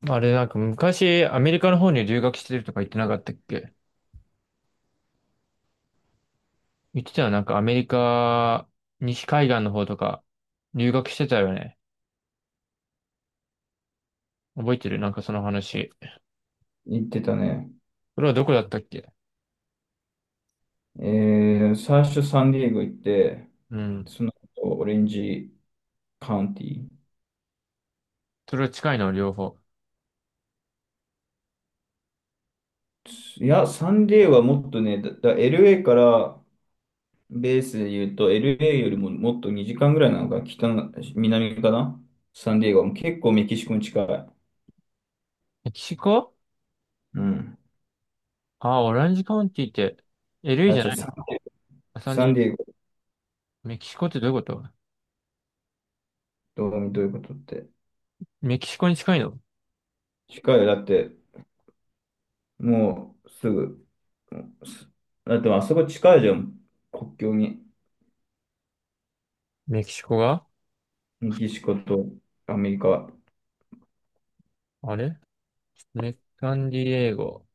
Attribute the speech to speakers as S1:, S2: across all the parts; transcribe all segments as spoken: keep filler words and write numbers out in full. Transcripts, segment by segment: S1: まあれ、なんか昔、アメリカの方に留学してるとか言ってなかったっけ？言ってたよね。なんかアメリカ、西海岸の方とか、留学してたよね。覚えてる、なんかその話。
S2: 行ってたね。
S1: それはどこだったっけ？
S2: えー、最初サンディエゴ行って、
S1: うん。
S2: その後オレンジカウンティ。
S1: それは近いの、両方？
S2: いや、サンディエゴはもっとね、だ、だ エルエー から、ベースで言うと、エルエー よりももっとにじかんぐらいなのか、北の、南かな。サンディエゴはもう結構メキシコに近い。
S1: メキシコ。
S2: うん。
S1: あ、オランジカウンティって、エルエー
S2: あ、
S1: じゃ
S2: 違う、
S1: ない
S2: サン、
S1: の？アサンデ
S2: サ
S1: ィ
S2: ン
S1: エゴ、
S2: ディエゴ。
S1: メキシコってどういうこと？
S2: どう、どういうことって。
S1: メキシコに近いの？
S2: 近いよ。だって、もうすぐ、すだってまあそこ近いじゃん。国境に。
S1: メキシコが。
S2: メキシコとアメリカ。
S1: あれ、メサンディエゴ。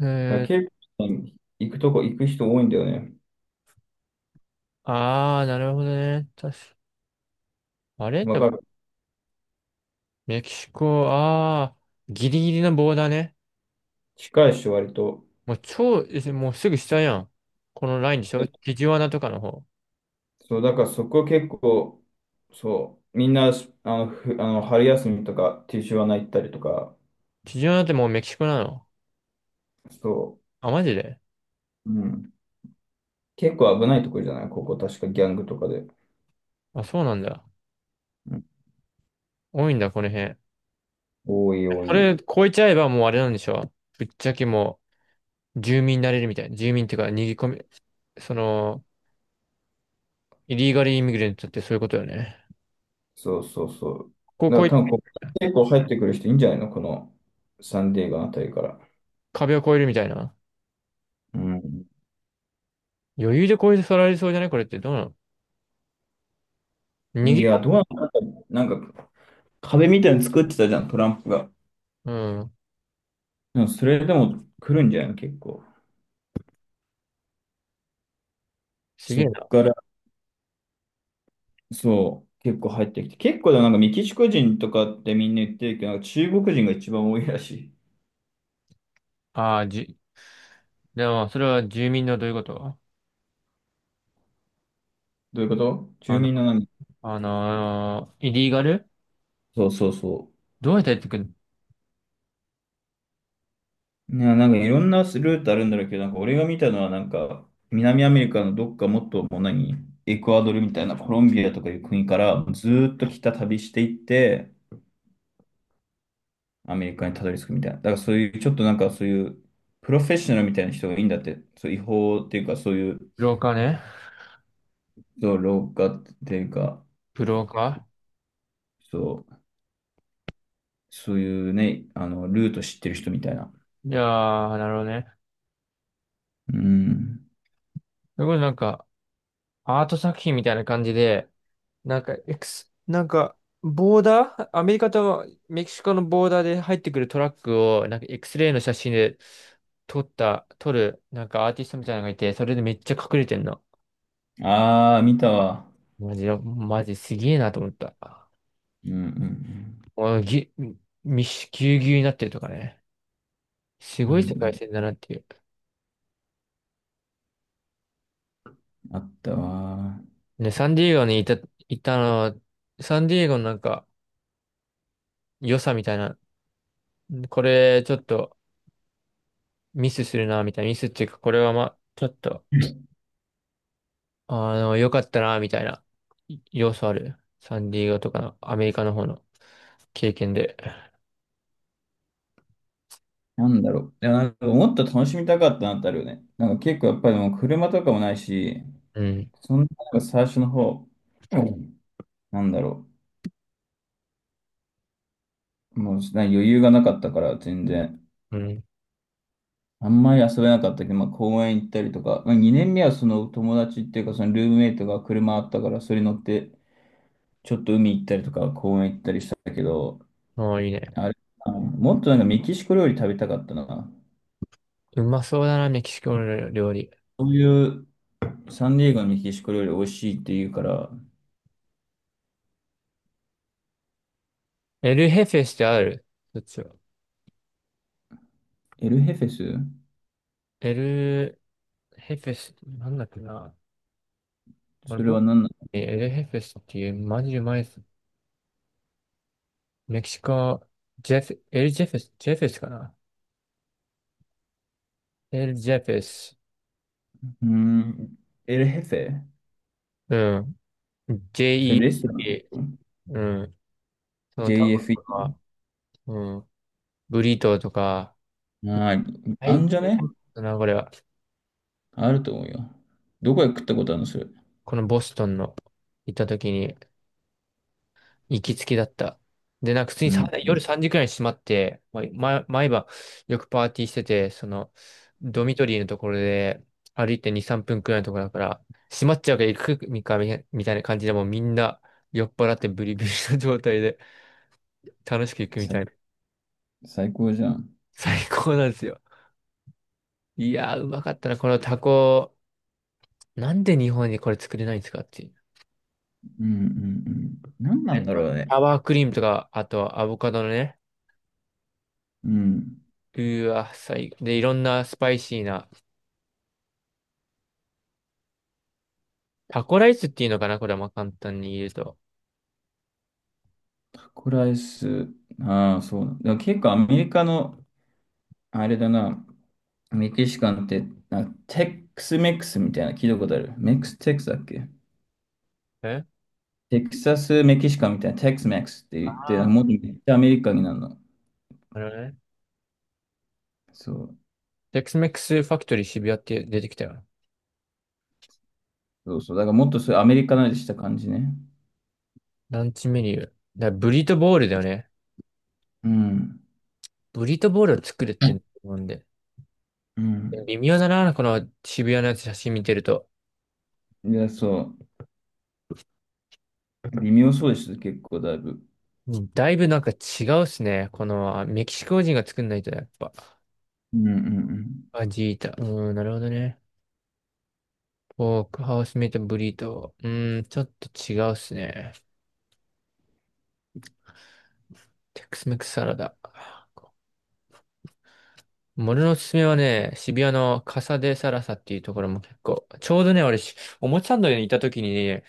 S1: え
S2: だから
S1: ー、
S2: 結構行くとこ行く人多いんだよね。
S1: あー、なるほどね。確か、あれ
S2: わ
S1: で。
S2: かる。
S1: メキシコ、ああ、ギリギリのボーダーね。
S2: 近いし、割と。
S1: もう超、えもうすぐ下やん。このラインでしょ？ティジワナとかの方。
S2: そう、だからそこ結構、そう、みんな、あの、ふあの春休みとか、ティーシュワナ行ったりとか、
S1: ティジワナってもうメキシコなの？
S2: そ
S1: あ、マジで？
S2: う、うん。結構危ないところじゃないここ、確かギャングとかで。
S1: あ、そうなんだ。
S2: うん。
S1: 多いんだ、この辺。え
S2: 多い多
S1: あれ、
S2: い。
S1: 越えちゃえばもうあれなんでしょ？ぶっちゃけもう、住民になれるみたいな。住民っていうか、逃げ込み、その、イリーガルイミグレントってそういうことよね。
S2: そうそうそ
S1: こ
S2: う。だか
S1: こ
S2: ら
S1: 越
S2: 多分ここ、
S1: え、
S2: 結構入ってくる人いいんじゃないのこのサンディエゴあたりから。
S1: 壁を越えるみたいな。
S2: うん。
S1: 余裕で越えて去られそうじゃない？これってどうなの？逃げ
S2: い
S1: 込
S2: や、
S1: み。
S2: どうなんだろう、なんか、壁みたいに作ってたじゃん、トランプが。
S1: うん。
S2: でもそれでも来るんじゃないの結構。
S1: すげ
S2: そ
S1: え
S2: っ
S1: な。
S2: から、そう、結構入ってきて。結構でもなんかメキシコ人とかってみんな言ってるけど、なんか中国人が一番多いらしい。
S1: ああ、じ、でも、それは住民のどういうこと？
S2: どういうこと、
S1: あ
S2: 住
S1: の、
S2: 民の何？
S1: あのーイリーガル、
S2: そうそうそ
S1: どうやってやってくるの？
S2: う。ね、なんかいろんなルートあるんだろうけど、なんか俺が見たのはなんか、南アメリカのどっか、もっともう何、エクアドルみたいな、コロンビアとかいう国からずーっと北旅していって、アメリカにたどり着くみたいな。だからそういう、ちょっとなんかそういう、プロフェッショナルみたいな人がいいんだって、そう、違法っていうかそういう、
S1: ブローカーね。
S2: そう、廊下っていうか、
S1: ブローカ
S2: そう、そういうね、あの、ルート知ってる人みたいな。
S1: ー。いやー、なるほどね。
S2: うん。
S1: それこそなんか、アート作品みたいな感じで、なんか、エクス、なんか、ボーダー、アメリカとメキシコのボーダーで入ってくるトラックを、なんか、X-ray の写真で撮った、撮る、なんかアーティストみたいなのがいて、それでめっちゃ隠れてんの。
S2: ああ、見たわ。
S1: マジで、マジすげえなと思った。あ
S2: うんうん
S1: のぎ、み、みし、ぎゅうぎゅうになってるとかね。す
S2: うん。
S1: ごい
S2: う
S1: 世界
S2: ん
S1: 線だなっていう。
S2: うん、あったわ。
S1: ね、サンディエゴにいた、いたのは、サンディエゴのなんか良さみたいな、これちょっとミスするな、みたいな、ミスっていうか、これはまあ、ちょっと、あの、良かったな、みたいな要素ある。サンディエゴとかのアメリカの方の経験で。
S2: なんだろう。いや、なんかもっと楽しみたかったなってあるよね。なんか結構やっぱりもう車とかもないし、
S1: うん、
S2: そんな、なんか最初の方、うん、なんだろう。もうなんか余裕がなかったから全然。
S1: うん。
S2: あんまり遊べなかったけど、まあ、公園行ったりとか、まあ、にねんめはその友達っていうか、そのルームメイトが車あったから、それに乗って、ちょっと海行ったりとか、公園行ったりしたけど、
S1: もういいね。
S2: あれ、あのもっとなんかメキシコ料理食べたかったな。
S1: うまそうだな、メキシコの料理。
S2: そういうサンディエゴのメキシコ料理美味しいって言うから、
S1: エルヘフェスってある？そっちは。
S2: エルヘフェス？
S1: エルヘフェス、なんだっけな。俺、
S2: それ
S1: ボ
S2: は何なの？
S1: エルヘフェスっていう、マジうまいメキシコ、ジェフ、エルジェフェス、ジェフェスかな、エルジェフェス。
S2: うーん、エルヘフェ。
S1: うん。
S2: それレストラン？
S1: ジェイイーエー。うん。そのタコと
S2: ジェイエフイー？
S1: か、うん、ブリトーとか、
S2: ああ、
S1: い
S2: あ
S1: い
S2: んじゃ
S1: これ
S2: ね？
S1: だな、これは。
S2: あると思うよ。どこへ食ったことあるのそれ。
S1: このボストンの行った時に、行きつけだった。で、なんか普通に
S2: う
S1: さ、
S2: ん。
S1: 夜さんじくらいに閉まって、まま毎晩よくパーティーしてて、その、ドミトリーのところで歩いてに、さんぷんくらいのところだから、閉まっちゃうから行くみかみみたいな感じで、もうみんな酔っ払ってブリブリの状態で楽しく行くみ
S2: さ
S1: たいな。
S2: 最高じゃん。
S1: 最高なんですよ。いやー、うまかったな、このタコ。なんで日本にこれ作れないんですかっていう。
S2: うんうんうん。何なんだろうね。
S1: サワークリームとか、あとアボカドのね、
S2: うん。
S1: うーわ、最、で、いろんなスパイシーなタコライスっていうのかな、これはまあ簡単に言うと。
S2: タコライス。ああ、そうだ。でも結構アメリカの、あれだな、メキシカンって、なんかテックスメックスみたいなの聞いたことある。メックステックスだっけ？
S1: え
S2: テキサスメキシカンみたいな、テックスメックスって言って、なんか
S1: あ
S2: もっ
S1: あ
S2: とめっちゃアメリカになるの。
S1: ー、なるほどね。
S2: そう。
S1: テックスメックスファクトリー渋谷って出てきたよ。
S2: そうそう。だからもっとそういうアメリカなりした感じね。
S1: ランチメニュー。だからブリトボールだよね。
S2: うん。
S1: ブリトボールを作るって思うんで。
S2: うん。
S1: 微妙だな、この渋谷のやつ写真見てると。
S2: いや、そう。微妙そうです。結構だいぶ。
S1: だいぶなんか違うっすね。このメキシコ人が作んないとやっぱ。
S2: うんうん
S1: アジータ。うーん、なるほどね。ポークハウスメイトブリート。うーん、ちょっと違うっすね。テックスメックスサラダ。俺のおすすめはね、渋谷のカサデサラサっていうところも結構、ちょうどね、俺し、おもちゃンドにいた時にね、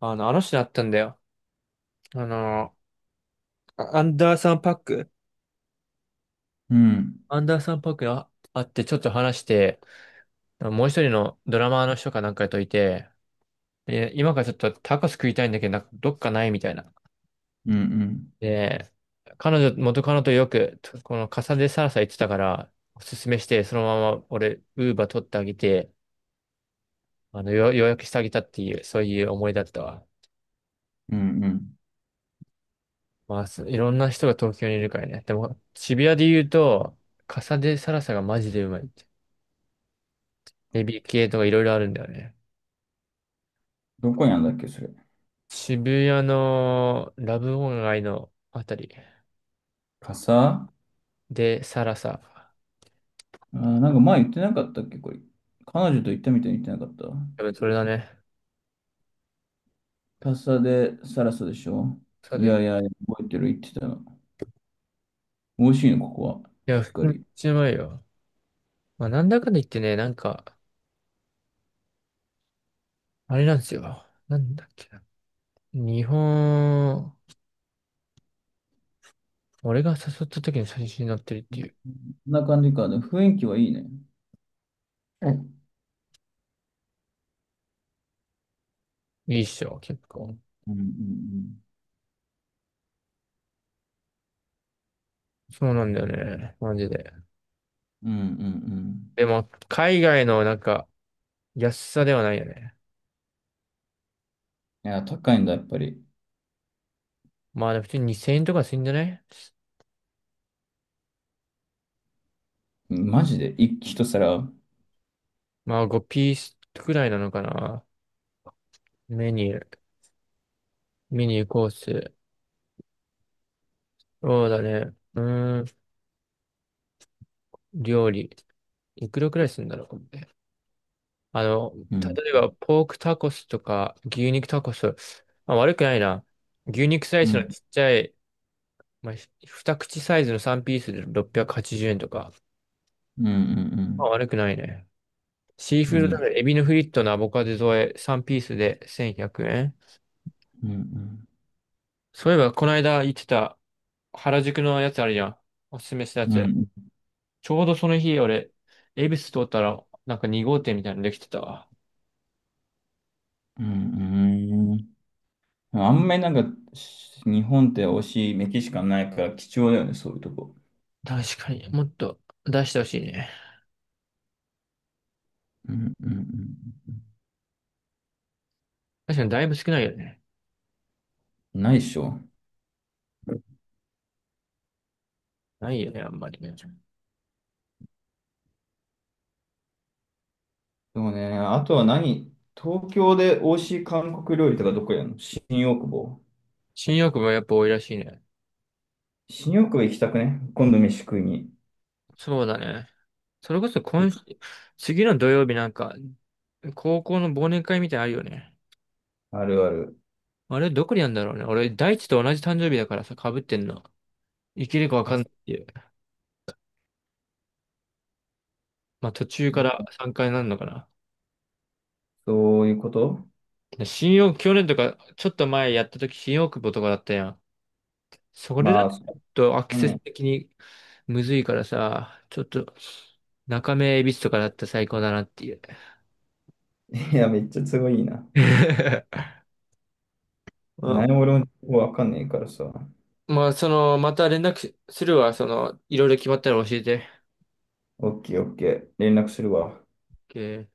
S1: あの、あの人に会ったんだよ。あの、あアンダーサンパック
S2: うん。うん
S1: アンダーサンパックにあ会ってちょっと話して、もう一人のドラマーの人かなんかといて、で今からちょっとタコス食いたいんだけど、なんかどっかないみたいな。
S2: うんうん。
S1: で、彼女、元カノとよく、このカサデサラサ行ってたから、おすすめして、そのまま俺、ウーバー取ってあげて、あの、よ、よしてあげたっていう、そういう思いだったわ。
S2: うんうん。
S1: まあ、すいろんな人が東京にいるからね。でも、渋谷で言うと、笠でサラサがマジでうまいって。エビ系とかいろいろあるんだよね。
S2: どこにあるんだっけ、それ。
S1: 渋谷のラブオン街のあたり
S2: 傘あ
S1: でサラサ。
S2: ー、なんか前言ってなかったっけ、これ。彼女と行ったみたいに言ってなかった？
S1: 多分それだね。
S2: 傘でサラサでしょ？
S1: そう
S2: い
S1: で
S2: やい
S1: す。
S2: や、覚えてる、言ってたの。美味しいの、ここは。
S1: いや、
S2: しっ
S1: 普
S2: か
S1: 通にめっ
S2: り。
S1: ちゃうまいよ。まあ、なんだかんだ言ってね、なんか、あれなんですよ。なんだっけな。日本、俺が誘った時に最初になってるっ
S2: う
S1: て
S2: ん、
S1: い
S2: こ
S1: う。
S2: んな感じか。でも雰囲気はいいね。うん
S1: いいっしょ、結構。
S2: うんうん
S1: そうなんだよね。マジで。
S2: うん。うんうんうん。
S1: でも、海外のなんか、安さではないよね。
S2: いや、高いんだ、やっぱり。
S1: まあ、普通ににせんえんとかするんじゃない？
S2: うん、マジで、一一皿。
S1: まあ、ごピースくらいなのかな。メニュー、メニューコース。そうだね。うーん、料理。いくらくらいするんだろう、これね。あの、
S2: うん。
S1: 例えば、ポークタコスとか、牛肉タコス。まあ、悪くないな。牛肉サイ
S2: う
S1: ズの
S2: ん
S1: ちっちゃい、まあ、ひ二口サイズのさんピースでろっぴゃくはちじゅうえんとか。
S2: うんう
S1: まあ、
S2: ん
S1: 悪くないね。シー
S2: う
S1: フ
S2: ん。
S1: ー
S2: う
S1: ド
S2: ん
S1: 鍋、エビのフリットのアボカド添え、さんピースでせんひゃくえん。
S2: うんうん。
S1: そういえば、この間言ってた原宿のやつあるじゃん。おすすめしたや
S2: う
S1: つ。
S2: ん
S1: ちょうどその日、俺、恵比寿通ったら、なんかに号店みたいなのできてたわ。
S2: うんうん。あんまりなんか、し日本って美味しいメキシカンないから貴重だよね、そういうとこ。
S1: 確かに、もっと出してほしいね。
S2: うんうん
S1: 確かにだいぶ少ないよね。
S2: うん。ないでしょ。
S1: ないよね、あんまりね。
S2: でもね、あとは何、東京で美味しい韓国料理とかどこやんの？新大久保。
S1: 新大久保やっぱ多いらしいね。
S2: 新大久保行きたくね？今度飯食いに。
S1: そうだね。それこそ
S2: で
S1: 今週、次の土曜日なんか、高校の忘年会みたいなのあるよね。
S2: あるある。
S1: あれ、どこにあるんだろうね。俺、大地と同じ誕生日だからさ、被ってんの。生きるかわか
S2: あ、
S1: んないっていう。まあ、途中から加になるのかな。
S2: そういうこと？
S1: で新大久保、去年とか、ちょっと前やった時、新大久保とかだったやん。それ
S2: ま
S1: だ
S2: あ、
S1: と、
S2: そ
S1: ち
S2: う
S1: ょっとアク
S2: だ
S1: セス
S2: ね。
S1: 的にむずいからさ、ちょっと、中目、恵比寿とかだったら最高だなっていう。
S2: いや、めっちゃ都合いいな。
S1: ま
S2: 何
S1: あ、
S2: も俺もわかんないからさ。
S1: まあその、また連絡しするわ。その、いろいろ決まったら教えて。
S2: オッケーオッケー。連絡するわ。
S1: OK